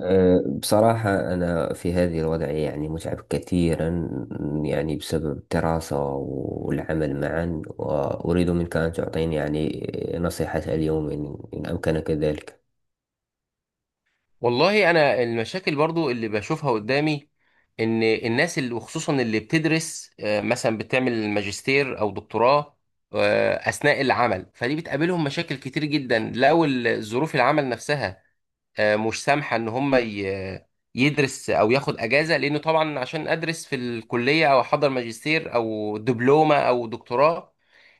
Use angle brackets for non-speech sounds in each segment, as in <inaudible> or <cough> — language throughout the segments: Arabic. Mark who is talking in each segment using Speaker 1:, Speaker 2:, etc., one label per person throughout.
Speaker 1: بصراحة أنا في هذه الوضعية يعني متعب كثيرا، يعني بسبب الدراسة والعمل معا، وأريد منك أن تعطيني يعني نصيحة اليوم إن أمكنك ذلك.
Speaker 2: والله، انا المشاكل برضو اللي بشوفها قدامي، ان الناس اللي وخصوصا اللي بتدرس، مثلا بتعمل ماجستير او دكتوراه اثناء العمل، فدي بتقابلهم مشاكل كتير جدا. لو ظروف العمل نفسها مش سامحه ان هم يدرس او ياخد اجازه، لانه طبعا عشان ادرس في الكليه او احضر ماجستير او دبلومه او دكتوراه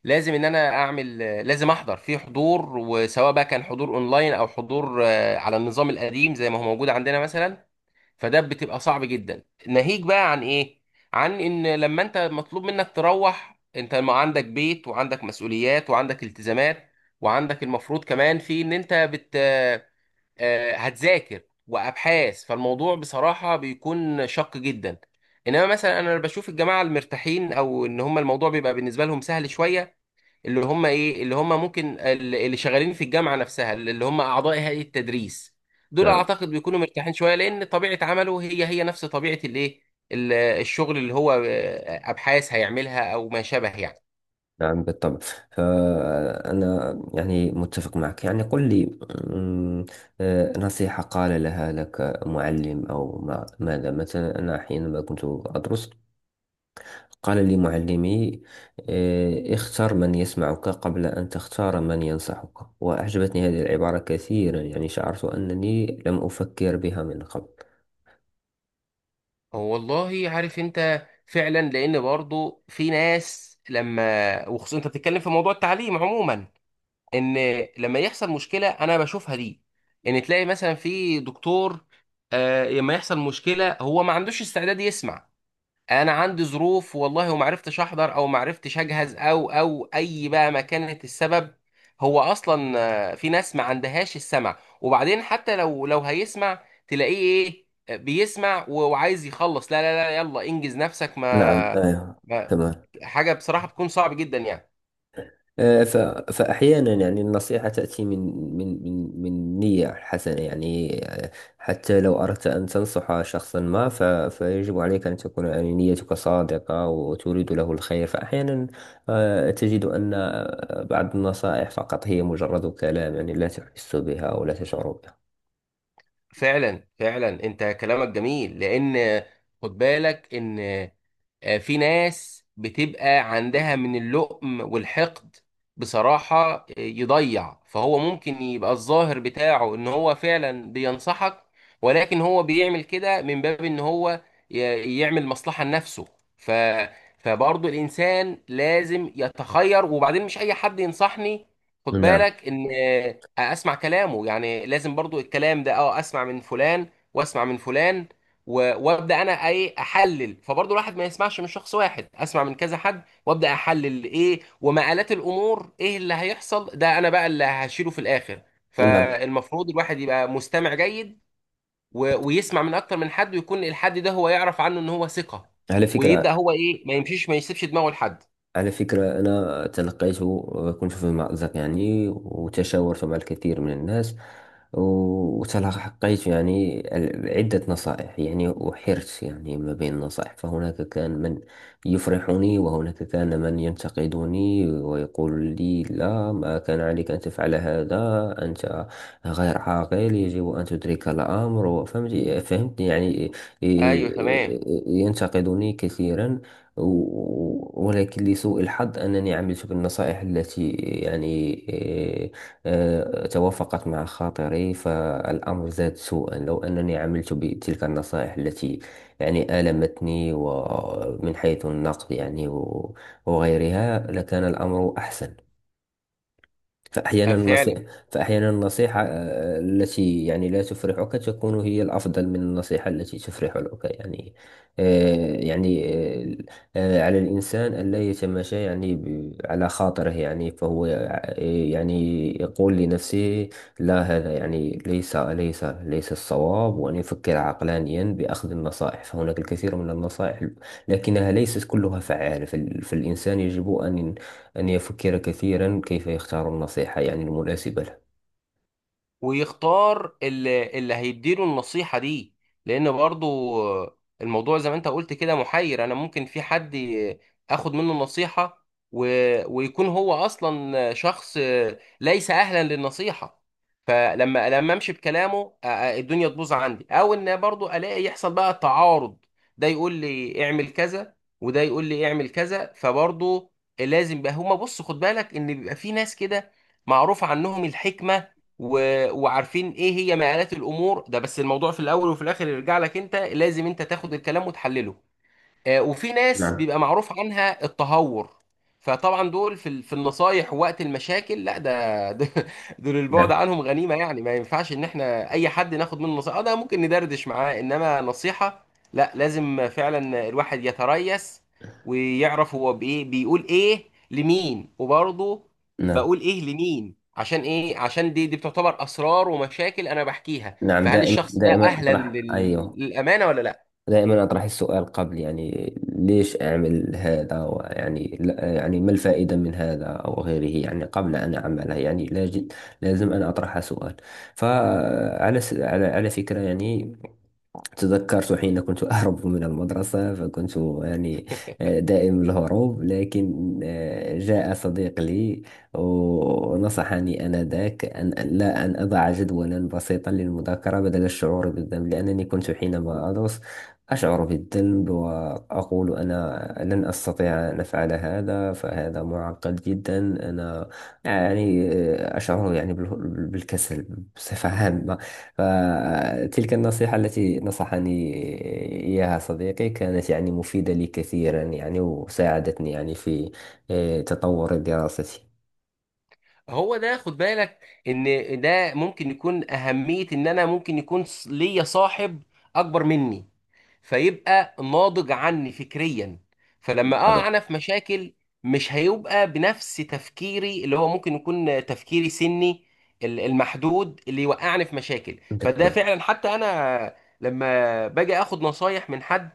Speaker 2: لازم ان انا اعمل، لازم احضر في حضور، وسواء بقى كان حضور اونلاين او حضور على النظام القديم زي ما هو موجود عندنا مثلا، فده بتبقى صعب جدا. ناهيك بقى عن ايه، عن ان لما انت مطلوب منك تروح، انت ما عندك بيت وعندك مسؤوليات وعندك التزامات، وعندك المفروض كمان في ان انت بت آه، هتذاكر وابحاث، فالموضوع بصراحه بيكون شق جدا. انما مثلا انا بشوف الجماعه المرتاحين، او ان هم الموضوع بيبقى بالنسبه لهم سهل شويه، اللي هم ايه، اللي هم ممكن اللي شغالين في الجامعه نفسها، اللي هم اعضاء هيئه التدريس، دول
Speaker 1: نعم.
Speaker 2: اعتقد بيكونوا مرتاحين شويه، لان طبيعه عمله هي هي نفس طبيعه الايه، الشغل اللي هو ابحاث هيعملها او ما شابه يعني.
Speaker 1: نعم بالطبع. فأنا يعني متفق معك، يعني قل لي. أمم، نصيحة قال لها لك معلم أو ما ماذا؟ مثلا أنا حينما كنت أدرس قال لي معلمي: اختر من يسمعك قبل أن تختار من ينصحك. وأعجبتني هذه العبارة كثيرا، يعني شعرت أنني لم أفكر بها من قبل.
Speaker 2: هو والله عارف انت فعلا، لان برضو في ناس لما، وخصوصا انت بتتكلم في موضوع التعليم عموما، ان لما يحصل مشكله انا بشوفها دي، ان تلاقي مثلا في دكتور لما يحصل مشكله هو ما عندوش استعداد يسمع. انا عندي ظروف والله، وما عرفتش احضر او ما عرفتش اجهز، او اي بقى ما كانت السبب، هو اصلا في ناس ما عندهاش السمع. وبعدين حتى لو هيسمع، تلاقيه ايه، بيسمع وعايز يخلص، لا لا لا يلا انجز نفسك،
Speaker 1: نعم.
Speaker 2: ما, ما
Speaker 1: تمام.
Speaker 2: حاجة بصراحة بتكون صعب جدا يعني.
Speaker 1: آه، ف- فأحيانا يعني النصيحة تأتي من من نية حسنة يعني. آه، حتى لو أردت أن تنصح شخصا ما فيجب عليك أن تكون يعني نيتك صادقة وتريد له الخير. فأحيانا تجد أن بعض النصائح فقط هي مجرد كلام، يعني لا تحس بها ولا تشعر بها.
Speaker 2: فعلا فعلا انت كلامك جميل، لان خد بالك ان في ناس بتبقى عندها من اللؤم والحقد بصراحة يضيع، فهو ممكن يبقى الظاهر بتاعه ان هو فعلا بينصحك، ولكن هو بيعمل كده من باب ان هو يعمل مصلحة لنفسه. ف فبرضه الانسان لازم يتخير، وبعدين مش اي حد ينصحني. خد
Speaker 1: نعم.
Speaker 2: بالك ان اسمع كلامه يعني لازم برضه، الكلام ده اسمع من فلان واسمع من فلان، وابدا انا ايه احلل. فبرضه الواحد ما يسمعش من شخص واحد، اسمع من كذا حد وابدا احلل ايه ومآلات الامور، ايه اللي هيحصل، ده انا بقى اللي هشيله في الاخر.
Speaker 1: نعم.
Speaker 2: فالمفروض الواحد يبقى مستمع جيد، ويسمع من اكتر من حد، ويكون الحد ده هو يعرف عنه ان هو ثقة،
Speaker 1: على
Speaker 2: ويبدا
Speaker 1: فكرة
Speaker 2: هو ايه ما يمشيش، ما يسيبش دماغه لحد.
Speaker 1: على فكرة أنا تلقيت، كنت في مأزق يعني، وتشاورت مع الكثير من الناس، وتلقيت يعني عدة نصائح يعني، وحرت يعني ما بين النصائح. فهناك كان من يفرحني، وهناك كان من ينتقدني ويقول لي: لا، ما كان عليك أن تفعل هذا، أنت غير عاقل، يجب أن تدرك الأمر. فهمت؟ فهمت يعني
Speaker 2: ايوه تمام.
Speaker 1: ينتقدني كثيرا. ولكن لسوء الحظ أنني عملت بالنصائح التي يعني إيه، توافقت مع خاطري، فالأمر زاد سوءا. لو أنني عملت بتلك النصائح التي يعني آلمتني ومن حيث النقد يعني وغيرها، لكان الأمر أحسن. فأحيانا النصيحة
Speaker 2: فعلا.
Speaker 1: فأحيانا النصيحة التي يعني لا تفرحك تكون هي الأفضل من النصيحة التي تفرحك يعني. آه، يعني آه، على الإنسان ألا يتماشى يعني على خاطره، يعني فهو يعني يقول لنفسه: لا، هذا يعني ليس الصواب، وأن يفكر عقلانيا بأخذ النصائح. فهناك الكثير من النصائح لكنها ليست كلها فعالة. فالإنسان يجب أن يفكر كثيرا كيف يختار النصيحة يعني المناسبة له.
Speaker 2: ويختار اللي هيديله النصيحة دي، لأن برضو الموضوع زي ما أنت قلت كده محير. أنا ممكن في حد آخد منه النصيحة، و... ويكون هو أصلا شخص ليس أهلا للنصيحة، فلما أمشي بكلامه الدنيا تبوظ عندي، أو إن برضو ألاقي يحصل بقى تعارض، ده يقول لي اعمل كذا وده يقول لي اعمل كذا. فبرضو لازم بقى هما، بص خد بالك إن بيبقى في ناس كده معروف عنهم الحكمة، وعارفين ايه هي مآلات الامور، ده بس الموضوع في الاول وفي الاخر يرجع لك انت، لازم انت تاخد الكلام وتحلله. وفي ناس
Speaker 1: نعم.
Speaker 2: بيبقى معروف عنها التهور، فطبعا دول في النصايح وقت المشاكل لا ده <laughs> دول البعد
Speaker 1: نعم.
Speaker 2: عنهم غنيمة يعني، ما ينفعش ان احنا اي حد ناخد منه نصيحة. ده ممكن ندردش معاه، انما نصيحة لا، لازم فعلا الواحد يتريث، ويعرف هو بايه، بيقول ايه لمين، وبرضه
Speaker 1: نعم.
Speaker 2: بقول ايه لمين عشان ايه، عشان دي بتعتبر اسرار ومشاكل انا بحكيها.
Speaker 1: نعم،
Speaker 2: فهل
Speaker 1: دائما
Speaker 2: الشخص ده
Speaker 1: دائما
Speaker 2: اهلا
Speaker 1: أطرح، أيوه،
Speaker 2: للامانة ولا لا؟
Speaker 1: دائما أطرح السؤال قبل، يعني ليش أعمل هذا، ويعني يعني ما الفائدة من هذا أو غيره، يعني قبل أن أعمله، يعني لاجد، لازم أن أطرح سؤال. فعلى على على فكرة يعني، تذكرت حين كنت أهرب من المدرسة، فكنت يعني دائم الهروب. لكن جاء صديق لي ونصحني آنذاك أن أن- لا أن أضع جدولا بسيطا للمذاكرة بدل الشعور بالذنب، لأنني كنت حينما أدرس أشعر بالذنب وأقول: أنا لن أستطيع أن أفعل هذا، فهذا معقد جدا. أنا يعني أشعر يعني بالكسل بصفة عامة. فتلك النصيحة التي نصحني إياها صديقي كانت يعني مفيدة لي كثيرا، يعني وساعدتني يعني في تطور دراستي.
Speaker 2: هو ده خد بالك ان ده ممكن يكون اهمية، ان انا ممكن يكون ليا صاحب اكبر مني، فيبقى ناضج عني فكريا، فلما
Speaker 1: بالطبع.
Speaker 2: اقع انا في مشاكل مش هيبقى بنفس تفكيري، اللي هو ممكن يكون تفكيري سني المحدود اللي يوقعني في مشاكل. فده
Speaker 1: بالطبع.
Speaker 2: فعلا حتى انا لما باجي اخد نصايح من حد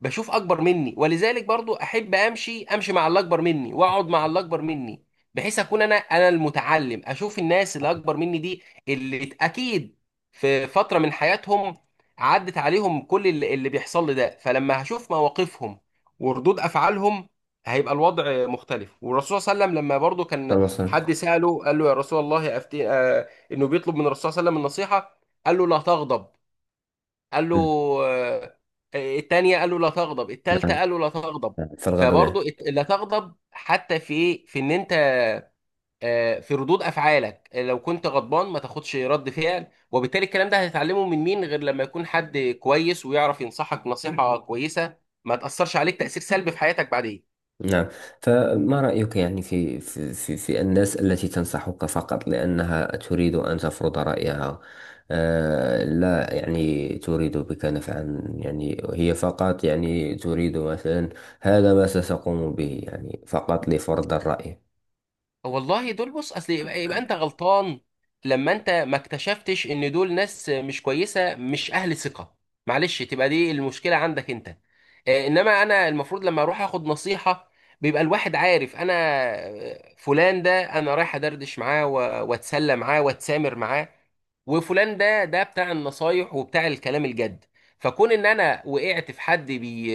Speaker 2: بشوف اكبر مني، ولذلك برضو احب امشي مع اللي اكبر مني، واقعد مع اللي اكبر مني، بحيث اكون انا المتعلم، اشوف الناس اللي اكبر مني دي، اللي اكيد في فترة من حياتهم عدت عليهم كل اللي بيحصل لي ده. فلما هشوف مواقفهم وردود افعالهم هيبقى الوضع مختلف. والرسول صلى الله عليه وسلم لما برضو كان
Speaker 1: تواصل.
Speaker 2: حد سأله، قال له يا رسول الله أفتي، انه بيطلب من الرسول صلى الله عليه وسلم النصيحة، قال له لا تغضب، قال له آه، التانية، قال له لا تغضب، التالتة
Speaker 1: نعم.
Speaker 2: قال له لا تغضب.
Speaker 1: نعم. فالغد
Speaker 2: فبرضه
Speaker 1: معك.
Speaker 2: لا تغضب حتى في ايه، في ان انت في ردود افعالك، لو كنت غضبان ما تاخدش رد فعل، وبالتالي الكلام ده هتتعلمه من مين غير لما يكون حد كويس ويعرف ينصحك نصيحة كويسة، ما تأثرش عليك تأثير سلبي في حياتك بعدين.
Speaker 1: نعم. فما رأيك يعني في الناس التي تنصحك فقط لأنها تريد أن تفرض رأيها؟ آه، لا يعني تريد بك نفعا، يعني هي فقط يعني تريد مثلا هذا ما ستقوم به، يعني فقط لفرض الرأي.
Speaker 2: والله دول بص، اصل يبقى انت غلطان لما انت ما اكتشفتش ان دول ناس مش كويسه، مش اهل ثقه. معلش تبقى دي المشكله عندك انت. انما انا المفروض لما اروح اخد نصيحه بيبقى الواحد عارف انا فلان ده انا رايح ادردش معاه واتسلى معاه واتسامر معاه، وفلان ده بتاع النصايح وبتاع الكلام الجد. فكون ان انا وقعت في حد بي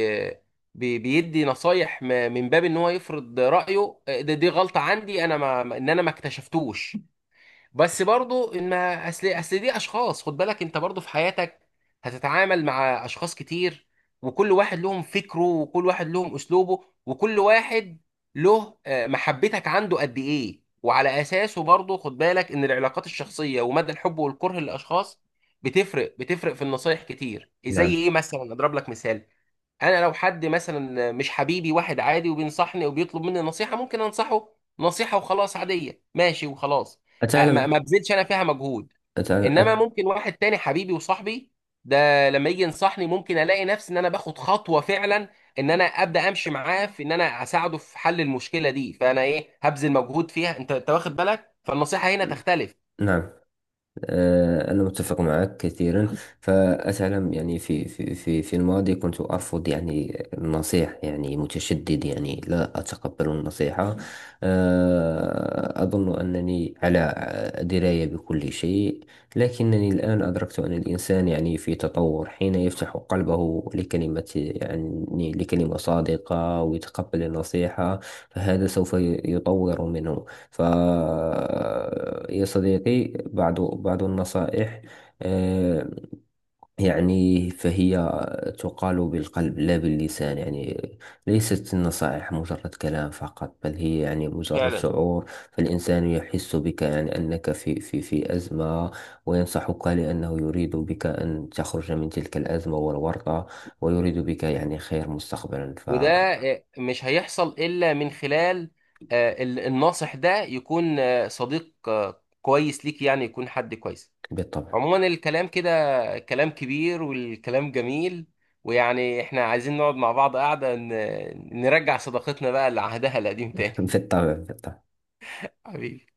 Speaker 2: بي- بيدي نصايح من باب ان هو يفرض رايه، دي غلطه عندي انا، ان انا ما اكتشفتوش. بس برضو ان ما، اصل دي اشخاص، خد بالك انت برضو في حياتك هتتعامل مع اشخاص كتير، وكل واحد لهم فكره، وكل واحد لهم اسلوبه، وكل واحد له محبتك عنده قد ايه، وعلى اساسه برضو خد بالك ان العلاقات الشخصيه ومدى الحب والكره للاشخاص بتفرق، بتفرق في النصايح كتير. زي
Speaker 1: نعم.
Speaker 2: ايه مثلا، اضرب لك مثال: انا لو حد مثلا مش حبيبي، واحد عادي وبينصحني وبيطلب مني نصيحه، ممكن انصحه نصيحه وخلاص، عاديه ماشي وخلاص، ما
Speaker 1: أتعلم
Speaker 2: ما بذلش انا فيها مجهود.
Speaker 1: أتعلم
Speaker 2: انما
Speaker 1: أت...
Speaker 2: ممكن واحد تاني حبيبي وصاحبي، ده لما يجي ينصحني ممكن الاقي نفسي ان انا باخد خطوه فعلا، ان انا ابدا امشي معاه في ان انا اساعده في حل المشكله دي، فانا ايه هبذل مجهود فيها، انت انت واخد بالك، فالنصيحه هنا تختلف.
Speaker 1: نعم. أنا متفق معك كثيرا. فأتعلم يعني في الماضي كنت أرفض يعني النصيح، يعني متشدد يعني لا أتقبل النصيحة. أظن أنني على دراية بكل شيء. لكنني الآن أدركت أن الإنسان يعني في تطور حين يفتح قلبه لكلمة، يعني لكلمة صادقة، ويتقبل النصيحة، فهذا سوف يطور منه. ف يا صديقي، بعض النصائح آه، يعني فهي تقال بالقلب لا باللسان، يعني ليست النصائح مجرد كلام فقط، بل هي يعني مجرد
Speaker 2: فعلا.
Speaker 1: شعور. فالإنسان يحس بك، يعني أنك في أزمة، وينصحك لأنه يريد بك أن تخرج من تلك الأزمة والورطة، ويريد بك يعني خير مستقبلا.
Speaker 2: وده مش هيحصل إلا من خلال الناصح ده يكون صديق كويس ليك، يعني يكون حد كويس.
Speaker 1: فبالطبع.
Speaker 2: عموما الكلام كده كلام كبير، والكلام جميل، ويعني احنا عايزين نقعد مع بعض قاعدة نرجع صداقتنا بقى لعهدها القديم
Speaker 1: <laughs>
Speaker 2: تاني.
Speaker 1: بالطبع بالطبع.
Speaker 2: <laughs> حبيبي.